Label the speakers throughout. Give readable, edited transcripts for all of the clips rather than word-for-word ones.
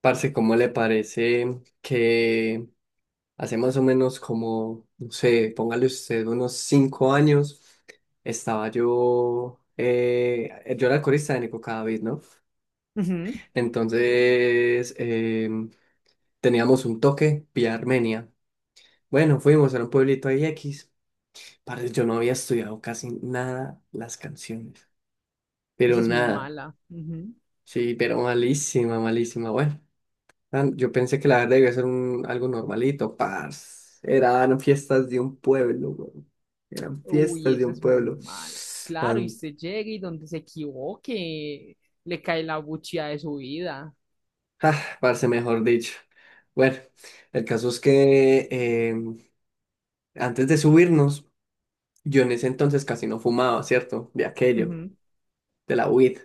Speaker 1: Parce, ¿cómo le parece que hace más o menos como, no sé, póngale usted unos 5 años, estaba yo, yo era el corista de Nico Cadavid, ¿no?
Speaker 2: Ujú.
Speaker 1: Entonces, teníamos un toque vía Armenia. Bueno, fuimos a un pueblito ahí X. Parce, yo no había estudiado casi nada las canciones, pero
Speaker 2: Esa es muy
Speaker 1: nada,
Speaker 2: mala. Ujú.
Speaker 1: sí, pero malísima, malísima, bueno. Yo pensé que la verdad iba a ser algo normalito, parce. Eran fiestas de un pueblo, weón. Eran
Speaker 2: Uy,
Speaker 1: fiestas de
Speaker 2: esa
Speaker 1: un
Speaker 2: es muy
Speaker 1: pueblo.
Speaker 2: mala. Claro, y
Speaker 1: Pan-
Speaker 2: usted llega y donde se equivoque, le cae la buchía de su vida.
Speaker 1: ah, Parce, mejor dicho. Bueno, el caso es que antes de subirnos, yo en ese entonces casi no fumaba, ¿cierto? De aquello,
Speaker 2: Ujú,
Speaker 1: de la weed.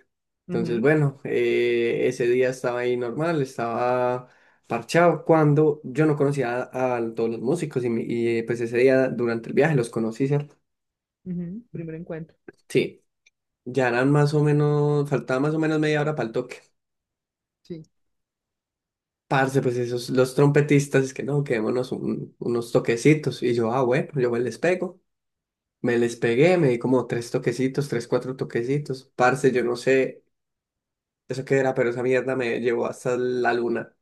Speaker 1: Entonces,
Speaker 2: ujú,
Speaker 1: bueno, ese día estaba ahí normal, estaba parchado cuando yo no conocía a todos los músicos y pues ese día durante el viaje los conocí, ¿cierto?
Speaker 2: ujú, primer encuentro.
Speaker 1: Sí, ya eran más o menos, faltaba más o menos media hora para el toque.
Speaker 2: Sí.
Speaker 1: Parce, pues esos, los trompetistas, es que no, quedémonos unos toquecitos. Y yo, ah, bueno, yo me les pego. Me les pegué, me di como tres toquecitos, tres, cuatro toquecitos. Parce, yo no sé eso qué era, pero esa mierda me llevó hasta la luna.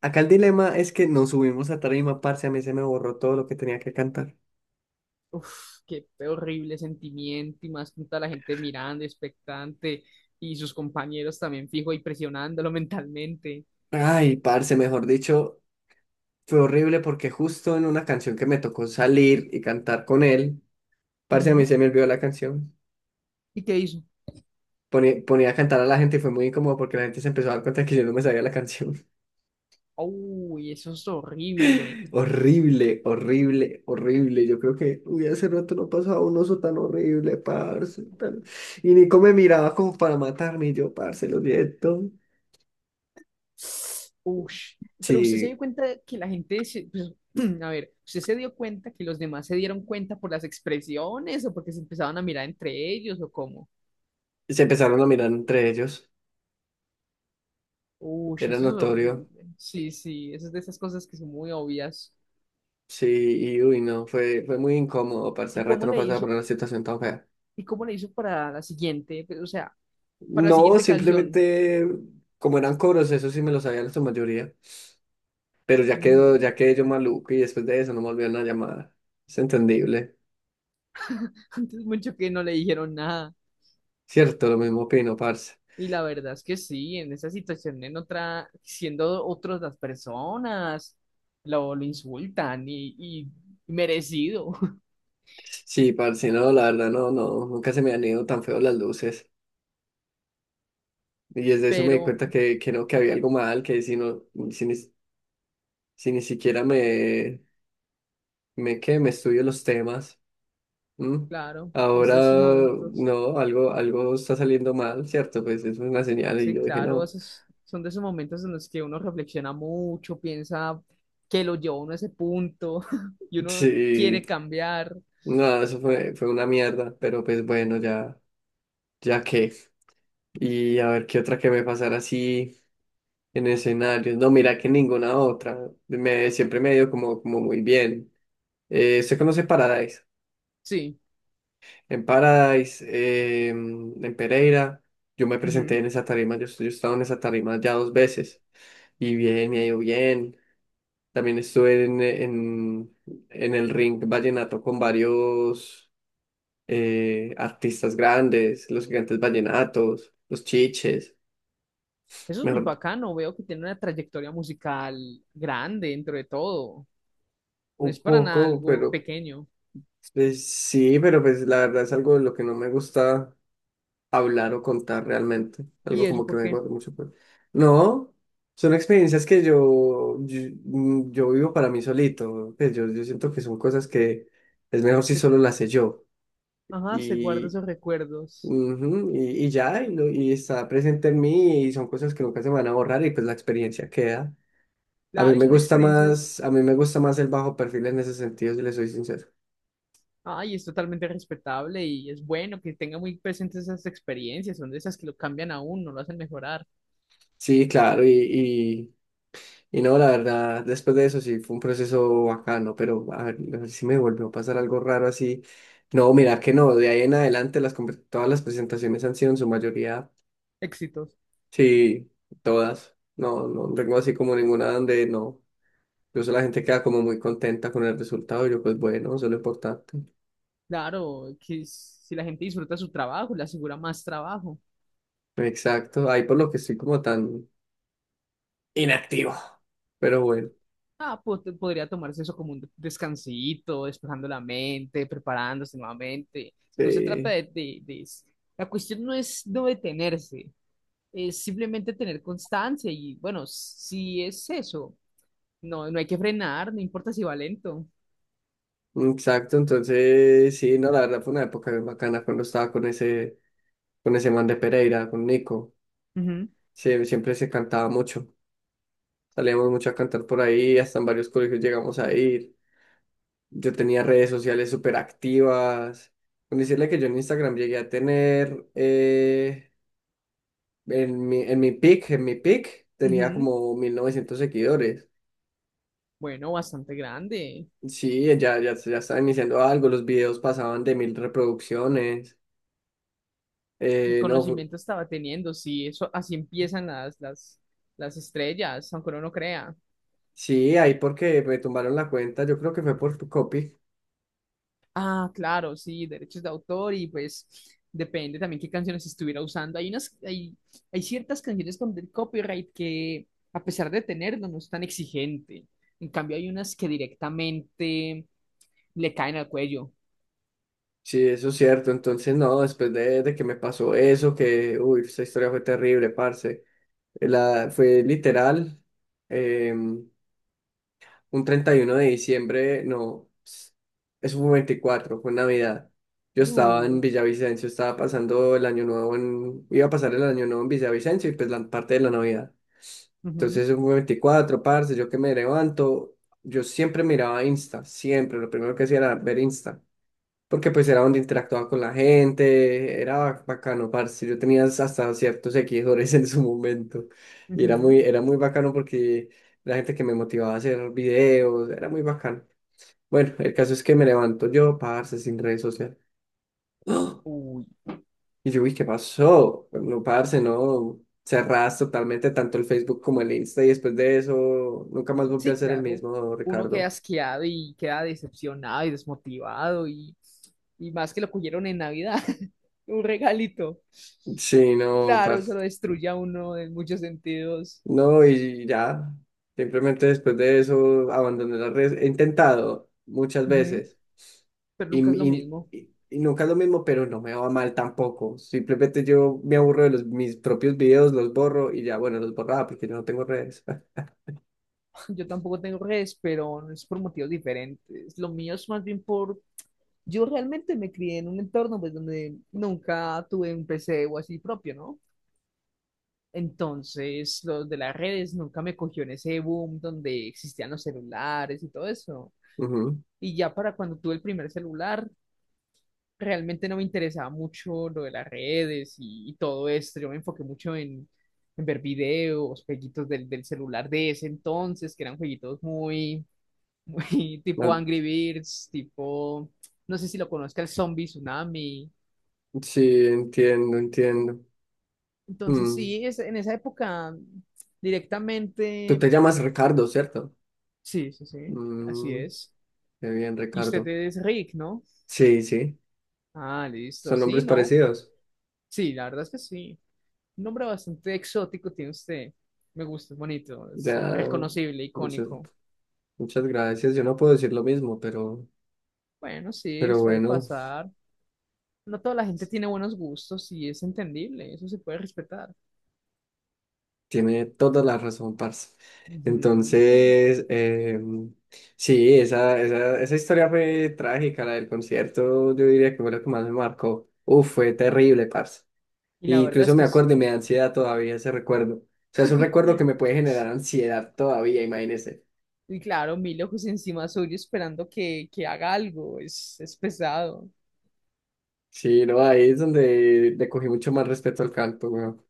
Speaker 1: Acá el dilema es que nos subimos a tarima, parce, a mí se me borró todo lo que tenía que cantar.
Speaker 2: Uf, qué horrible sentimiento. Y más con toda la gente mirando, expectante, y sus compañeros también fijo y presionándolo mentalmente.
Speaker 1: Ay, parce, mejor dicho, fue horrible porque justo en una canción que me tocó salir y cantar con él, parce, a mí
Speaker 2: Ujú.
Speaker 1: se me olvidó la canción.
Speaker 2: ¿Y qué hizo?
Speaker 1: Ponía a cantar a la gente y fue muy incómodo porque la gente se empezó a dar cuenta que yo no me sabía la canción.
Speaker 2: Uy, eso es horrible.
Speaker 1: Horrible, horrible, horrible. Yo creo que, uy, hace rato no pasaba un oso tan horrible, parce. Y Nico me miraba como para matarme y yo, parce, lo siento.
Speaker 2: Ush. Pero usted se
Speaker 1: Sí,
Speaker 2: dio cuenta que la gente, se- pues, a ver, usted se dio cuenta que los demás se dieron cuenta por las expresiones o porque se empezaban a mirar entre ellos o cómo.
Speaker 1: se empezaron a mirar entre ellos.
Speaker 2: Ush,
Speaker 1: Era
Speaker 2: eso es
Speaker 1: notorio.
Speaker 2: horrible. Sí, sí, eso es de esas cosas que son muy obvias.
Speaker 1: Sí, y uy, no, fue muy incómodo, parce.
Speaker 2: ¿Y
Speaker 1: Hace rato
Speaker 2: cómo
Speaker 1: no
Speaker 2: le
Speaker 1: pasaba por
Speaker 2: hizo?
Speaker 1: una situación tan fea.
Speaker 2: ¿Y cómo le hizo para la siguiente? Pues, o sea, para la
Speaker 1: No,
Speaker 2: siguiente canción.
Speaker 1: simplemente, como eran coros, eso sí me lo sabía en su mayoría. Pero
Speaker 2: Mm.
Speaker 1: ya quedé yo maluco y después de eso no me volvieron a llamar. Es entendible.
Speaker 2: Antes mucho que no le dijeron nada.
Speaker 1: Cierto, lo mismo opino, parce.
Speaker 2: Y la verdad es que sí, en esa situación, en otra, siendo otras las personas, lo insultan y merecido.
Speaker 1: Sí, parce, no, la verdad, no, no, nunca se me han ido tan feo las luces. Y desde eso me di
Speaker 2: Pero,
Speaker 1: cuenta que no, que había algo mal, que si no, si ni, si ni siquiera qué me estudio los temas, ¿m?
Speaker 2: claro, es
Speaker 1: Ahora,
Speaker 2: de esos momentos.
Speaker 1: no, algo está saliendo mal, ¿cierto? Pues eso es una señal y
Speaker 2: Sí,
Speaker 1: yo dije,
Speaker 2: claro,
Speaker 1: no,
Speaker 2: esos son de esos momentos en los que uno reflexiona mucho, piensa que lo llevó uno a ese punto y uno
Speaker 1: sí,
Speaker 2: quiere cambiar.
Speaker 1: no, fue una mierda, pero pues bueno, ya qué. Y a ver qué otra que me pasara así en escenarios. No, mira que ninguna otra. Siempre me ha ido como, como muy bien. ¿usted conoce Paradise?
Speaker 2: Sí,
Speaker 1: En Paradise, en Pereira, yo me presenté
Speaker 2: ujú.
Speaker 1: en esa tarima. Yo he estado en esa tarima ya dos veces. Y bien, me ha ido bien. También estuve en el ring vallenato con varios artistas grandes, los gigantes vallenatos, los chiches.
Speaker 2: Eso es muy
Speaker 1: Mejor
Speaker 2: bacano. Veo que tiene una trayectoria musical grande dentro de todo. No
Speaker 1: un
Speaker 2: es para nada
Speaker 1: poco,
Speaker 2: algo
Speaker 1: pero
Speaker 2: pequeño.
Speaker 1: pues sí, pero pues la verdad es algo de lo que no me gusta hablar o contar realmente.
Speaker 2: ¿Y
Speaker 1: Algo
Speaker 2: eso
Speaker 1: como que me
Speaker 2: porque?
Speaker 1: gusta mucho. Pues. No, son experiencias que yo vivo para mí solito. Pues yo siento que son cosas que es mejor si
Speaker 2: Se,
Speaker 1: solo las sé yo.
Speaker 2: ajá, se guarda
Speaker 1: Y,
Speaker 2: esos recuerdos.
Speaker 1: ujú, y ya, y, lo- y está presente en mí y son cosas que nunca se me van a borrar y pues la experiencia queda. A mí
Speaker 2: Claro, y
Speaker 1: me
Speaker 2: son
Speaker 1: gusta
Speaker 2: experiencias.
Speaker 1: más, a mí me gusta más el bajo perfil en ese sentido, si le soy sincero.
Speaker 2: Ah, y es totalmente respetable y es bueno que tenga muy presentes esas experiencias. Son de esas que lo cambian a uno, lo hacen mejorar.
Speaker 1: Sí, claro, y no, la verdad, después de eso sí fue un proceso bacano, pero a ver si me volvió a pasar algo raro así. No, mira que no, de ahí en adelante todas las presentaciones han sido en su mayoría,
Speaker 2: Éxitos.
Speaker 1: sí, todas. No, no tengo así como ninguna donde no. Incluso la gente queda como muy contenta con el resultado y yo pues bueno, eso es lo importante.
Speaker 2: Claro, que s- si la gente disfruta su trabajo, le asegura más trabajo.
Speaker 1: Exacto, ahí por lo que estoy como tan inactivo, pero bueno,
Speaker 2: Ah, po- podría tomarse eso como un descansito, despejando la mente, preparándose nuevamente. No se trata
Speaker 1: sí,
Speaker 2: de s- la cuestión no es no detenerse, es simplemente tener constancia y bueno, si es eso, no, no hay que frenar, no importa si va lento.
Speaker 1: exacto, entonces sí, no, la verdad fue una época bien bacana cuando estaba con ese man de Pereira, con Nico.
Speaker 2: Ujú,
Speaker 1: Siempre se cantaba mucho. Salíamos mucho a cantar por ahí, hasta en varios colegios llegamos a ir. Yo tenía redes sociales súper activas. Con decirle que yo en Instagram llegué a tener, en mi, en mi pic, tenía
Speaker 2: ujú.
Speaker 1: como 1.900 seguidores.
Speaker 2: Bueno, bastante grande.
Speaker 1: Sí, ya estaba iniciando algo, los videos pasaban de 1.000 reproducciones.
Speaker 2: El
Speaker 1: No, fue-
Speaker 2: conocimiento estaba teniendo, sí, eso así empiezan las estrellas, aunque uno no crea.
Speaker 1: Sí, ahí porque me tumbaron la cuenta, yo creo que fue por copy.
Speaker 2: Ah, claro, sí, derechos de autor y pues depende también qué canciones estuviera usando. Hay unas, hay ciertas canciones con del copyright que a pesar de tenerlo no es tan exigente. En cambio hay unas que directamente le caen al cuello.
Speaker 1: Sí, eso es cierto. Entonces, no, después de que me pasó eso, que, uy, esa historia fue terrible, parce. Fue literal, un 31 de diciembre, no, eso fue un 24 fue Navidad. Yo estaba en
Speaker 2: Uh,
Speaker 1: Villavicencio, estaba pasando el año nuevo en, iba a pasar el año nuevo en Villavicencio y pues la parte de la Navidad.
Speaker 2: ujú,
Speaker 1: Entonces eso fue 24 parce, yo que me levanto, yo siempre miraba Insta, siempre, lo primero que hacía era ver Insta porque pues era donde interactuaba con la gente, era bacano, parce, yo tenía hasta ciertos seguidores en su momento, y
Speaker 2: ujú.
Speaker 1: era muy bacano porque la gente que me motivaba a hacer videos, era muy bacano. Bueno, el caso es que me levanto yo, parce, sin redes sociales. ¡Ah!
Speaker 2: Uy.
Speaker 1: Y yo, uy, ¿qué pasó? No, parce, no, cerraste totalmente tanto el Facebook como el Insta, y después de eso, nunca más volví a
Speaker 2: Sí,
Speaker 1: ser el
Speaker 2: claro.
Speaker 1: mismo,
Speaker 2: Uno queda
Speaker 1: Ricardo.
Speaker 2: asqueado y queda decepcionado y desmotivado y más que lo cogieron en Navidad, un regalito.
Speaker 1: Sí, no,
Speaker 2: Claro, eso lo
Speaker 1: parce.
Speaker 2: destruye a uno en muchos sentidos.
Speaker 1: No, y ya, simplemente después de eso abandoné las redes. He intentado muchas
Speaker 2: Ujú.
Speaker 1: veces
Speaker 2: Pero
Speaker 1: y,
Speaker 2: nunca es lo
Speaker 1: y-
Speaker 2: mismo.
Speaker 1: y- y nunca es lo mismo, pero no me va mal tampoco. Simplemente yo me aburro de mis propios videos, los borro y ya, bueno, los borraba porque yo no tengo redes.
Speaker 2: Yo tampoco tengo redes, pero no es por motivos diferentes. Lo mío es más bien por... yo realmente me crié en un entorno pues, donde nunca tuve un PC o así propio, ¿no? Entonces, los de las redes nunca me cogió en ese boom donde existían los celulares y todo eso.
Speaker 1: Ujú.
Speaker 2: Y ya para cuando tuve el primer celular, realmente no me interesaba mucho lo de las redes y todo esto. Yo me enfoqué mucho en ver videos, jueguitos del, del celular de ese entonces, que eran jueguitos muy, muy tipo
Speaker 1: Ah,
Speaker 2: Angry Birds, tipo, no sé si lo conozca, el Zombie Tsunami.
Speaker 1: sí, entiendo, entiendo.
Speaker 2: Entonces,
Speaker 1: Mm.
Speaker 2: sí, es, en esa época
Speaker 1: Tú
Speaker 2: directamente,
Speaker 1: te llamas Ricardo, ¿cierto?
Speaker 2: sí, sí, sí, así
Speaker 1: Mm,
Speaker 2: es.
Speaker 1: qué bien,
Speaker 2: Y usted
Speaker 1: Ricardo.
Speaker 2: es Rick, ¿no?
Speaker 1: Sí, sí,
Speaker 2: Ah, listo.
Speaker 1: son
Speaker 2: Sí,
Speaker 1: nombres
Speaker 2: ¿no?
Speaker 1: parecidos.
Speaker 2: Sí, la verdad es que sí. Un nombre bastante exótico tiene usted. Me gusta, es bonito, es
Speaker 1: Ya,
Speaker 2: reconocible,
Speaker 1: muchas,
Speaker 2: icónico.
Speaker 1: muchas gracias. Yo no puedo decir lo mismo,
Speaker 2: Bueno, sí,
Speaker 1: pero
Speaker 2: suele
Speaker 1: bueno,
Speaker 2: pasar. No toda la gente tiene buenos gustos y es entendible, eso se puede respetar.
Speaker 1: tiene toda la razón, parce.
Speaker 2: Ujú.
Speaker 1: Entonces, sí, esa historia fue trágica, la del concierto, yo diría que fue lo que más me marcó. Uf, fue terrible, parce.
Speaker 2: Y la
Speaker 1: Y
Speaker 2: verdad
Speaker 1: incluso
Speaker 2: es
Speaker 1: me
Speaker 2: que
Speaker 1: acuerdo y
Speaker 2: sí.
Speaker 1: me da ansiedad todavía ese recuerdo. O sea, es un recuerdo que me puede generar ansiedad todavía, imagínese.
Speaker 2: Y claro, mil ojos encima suyo esperando que haga algo, es pesado.
Speaker 1: Sí, no, ahí es donde le cogí mucho más respeto al canto, weón.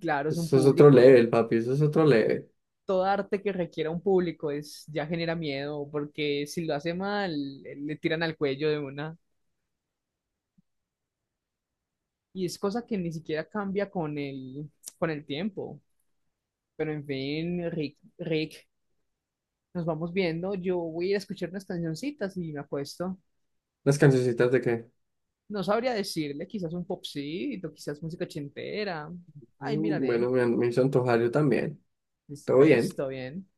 Speaker 2: Claro, es un
Speaker 1: Eso es otro
Speaker 2: público,
Speaker 1: level, papi, eso es otro level.
Speaker 2: todo arte que requiera un público es, ya genera miedo, porque si lo hace mal, le tiran al cuello de una. Y es cosa que ni siquiera cambia con el tiempo. Pero en fin, Rick, Rick, nos vamos viendo. Yo voy a ir a escuchar unas cancioncitas y me acuesto.
Speaker 1: Las cancioncitas de que,
Speaker 2: No sabría decirle, quizás un popcito, quizás música ochentera. Ay,
Speaker 1: mm,
Speaker 2: miraré.
Speaker 1: bueno, me hizo antojar yo también.
Speaker 2: Listo,
Speaker 1: Todo bien.
Speaker 2: pues, todo bien.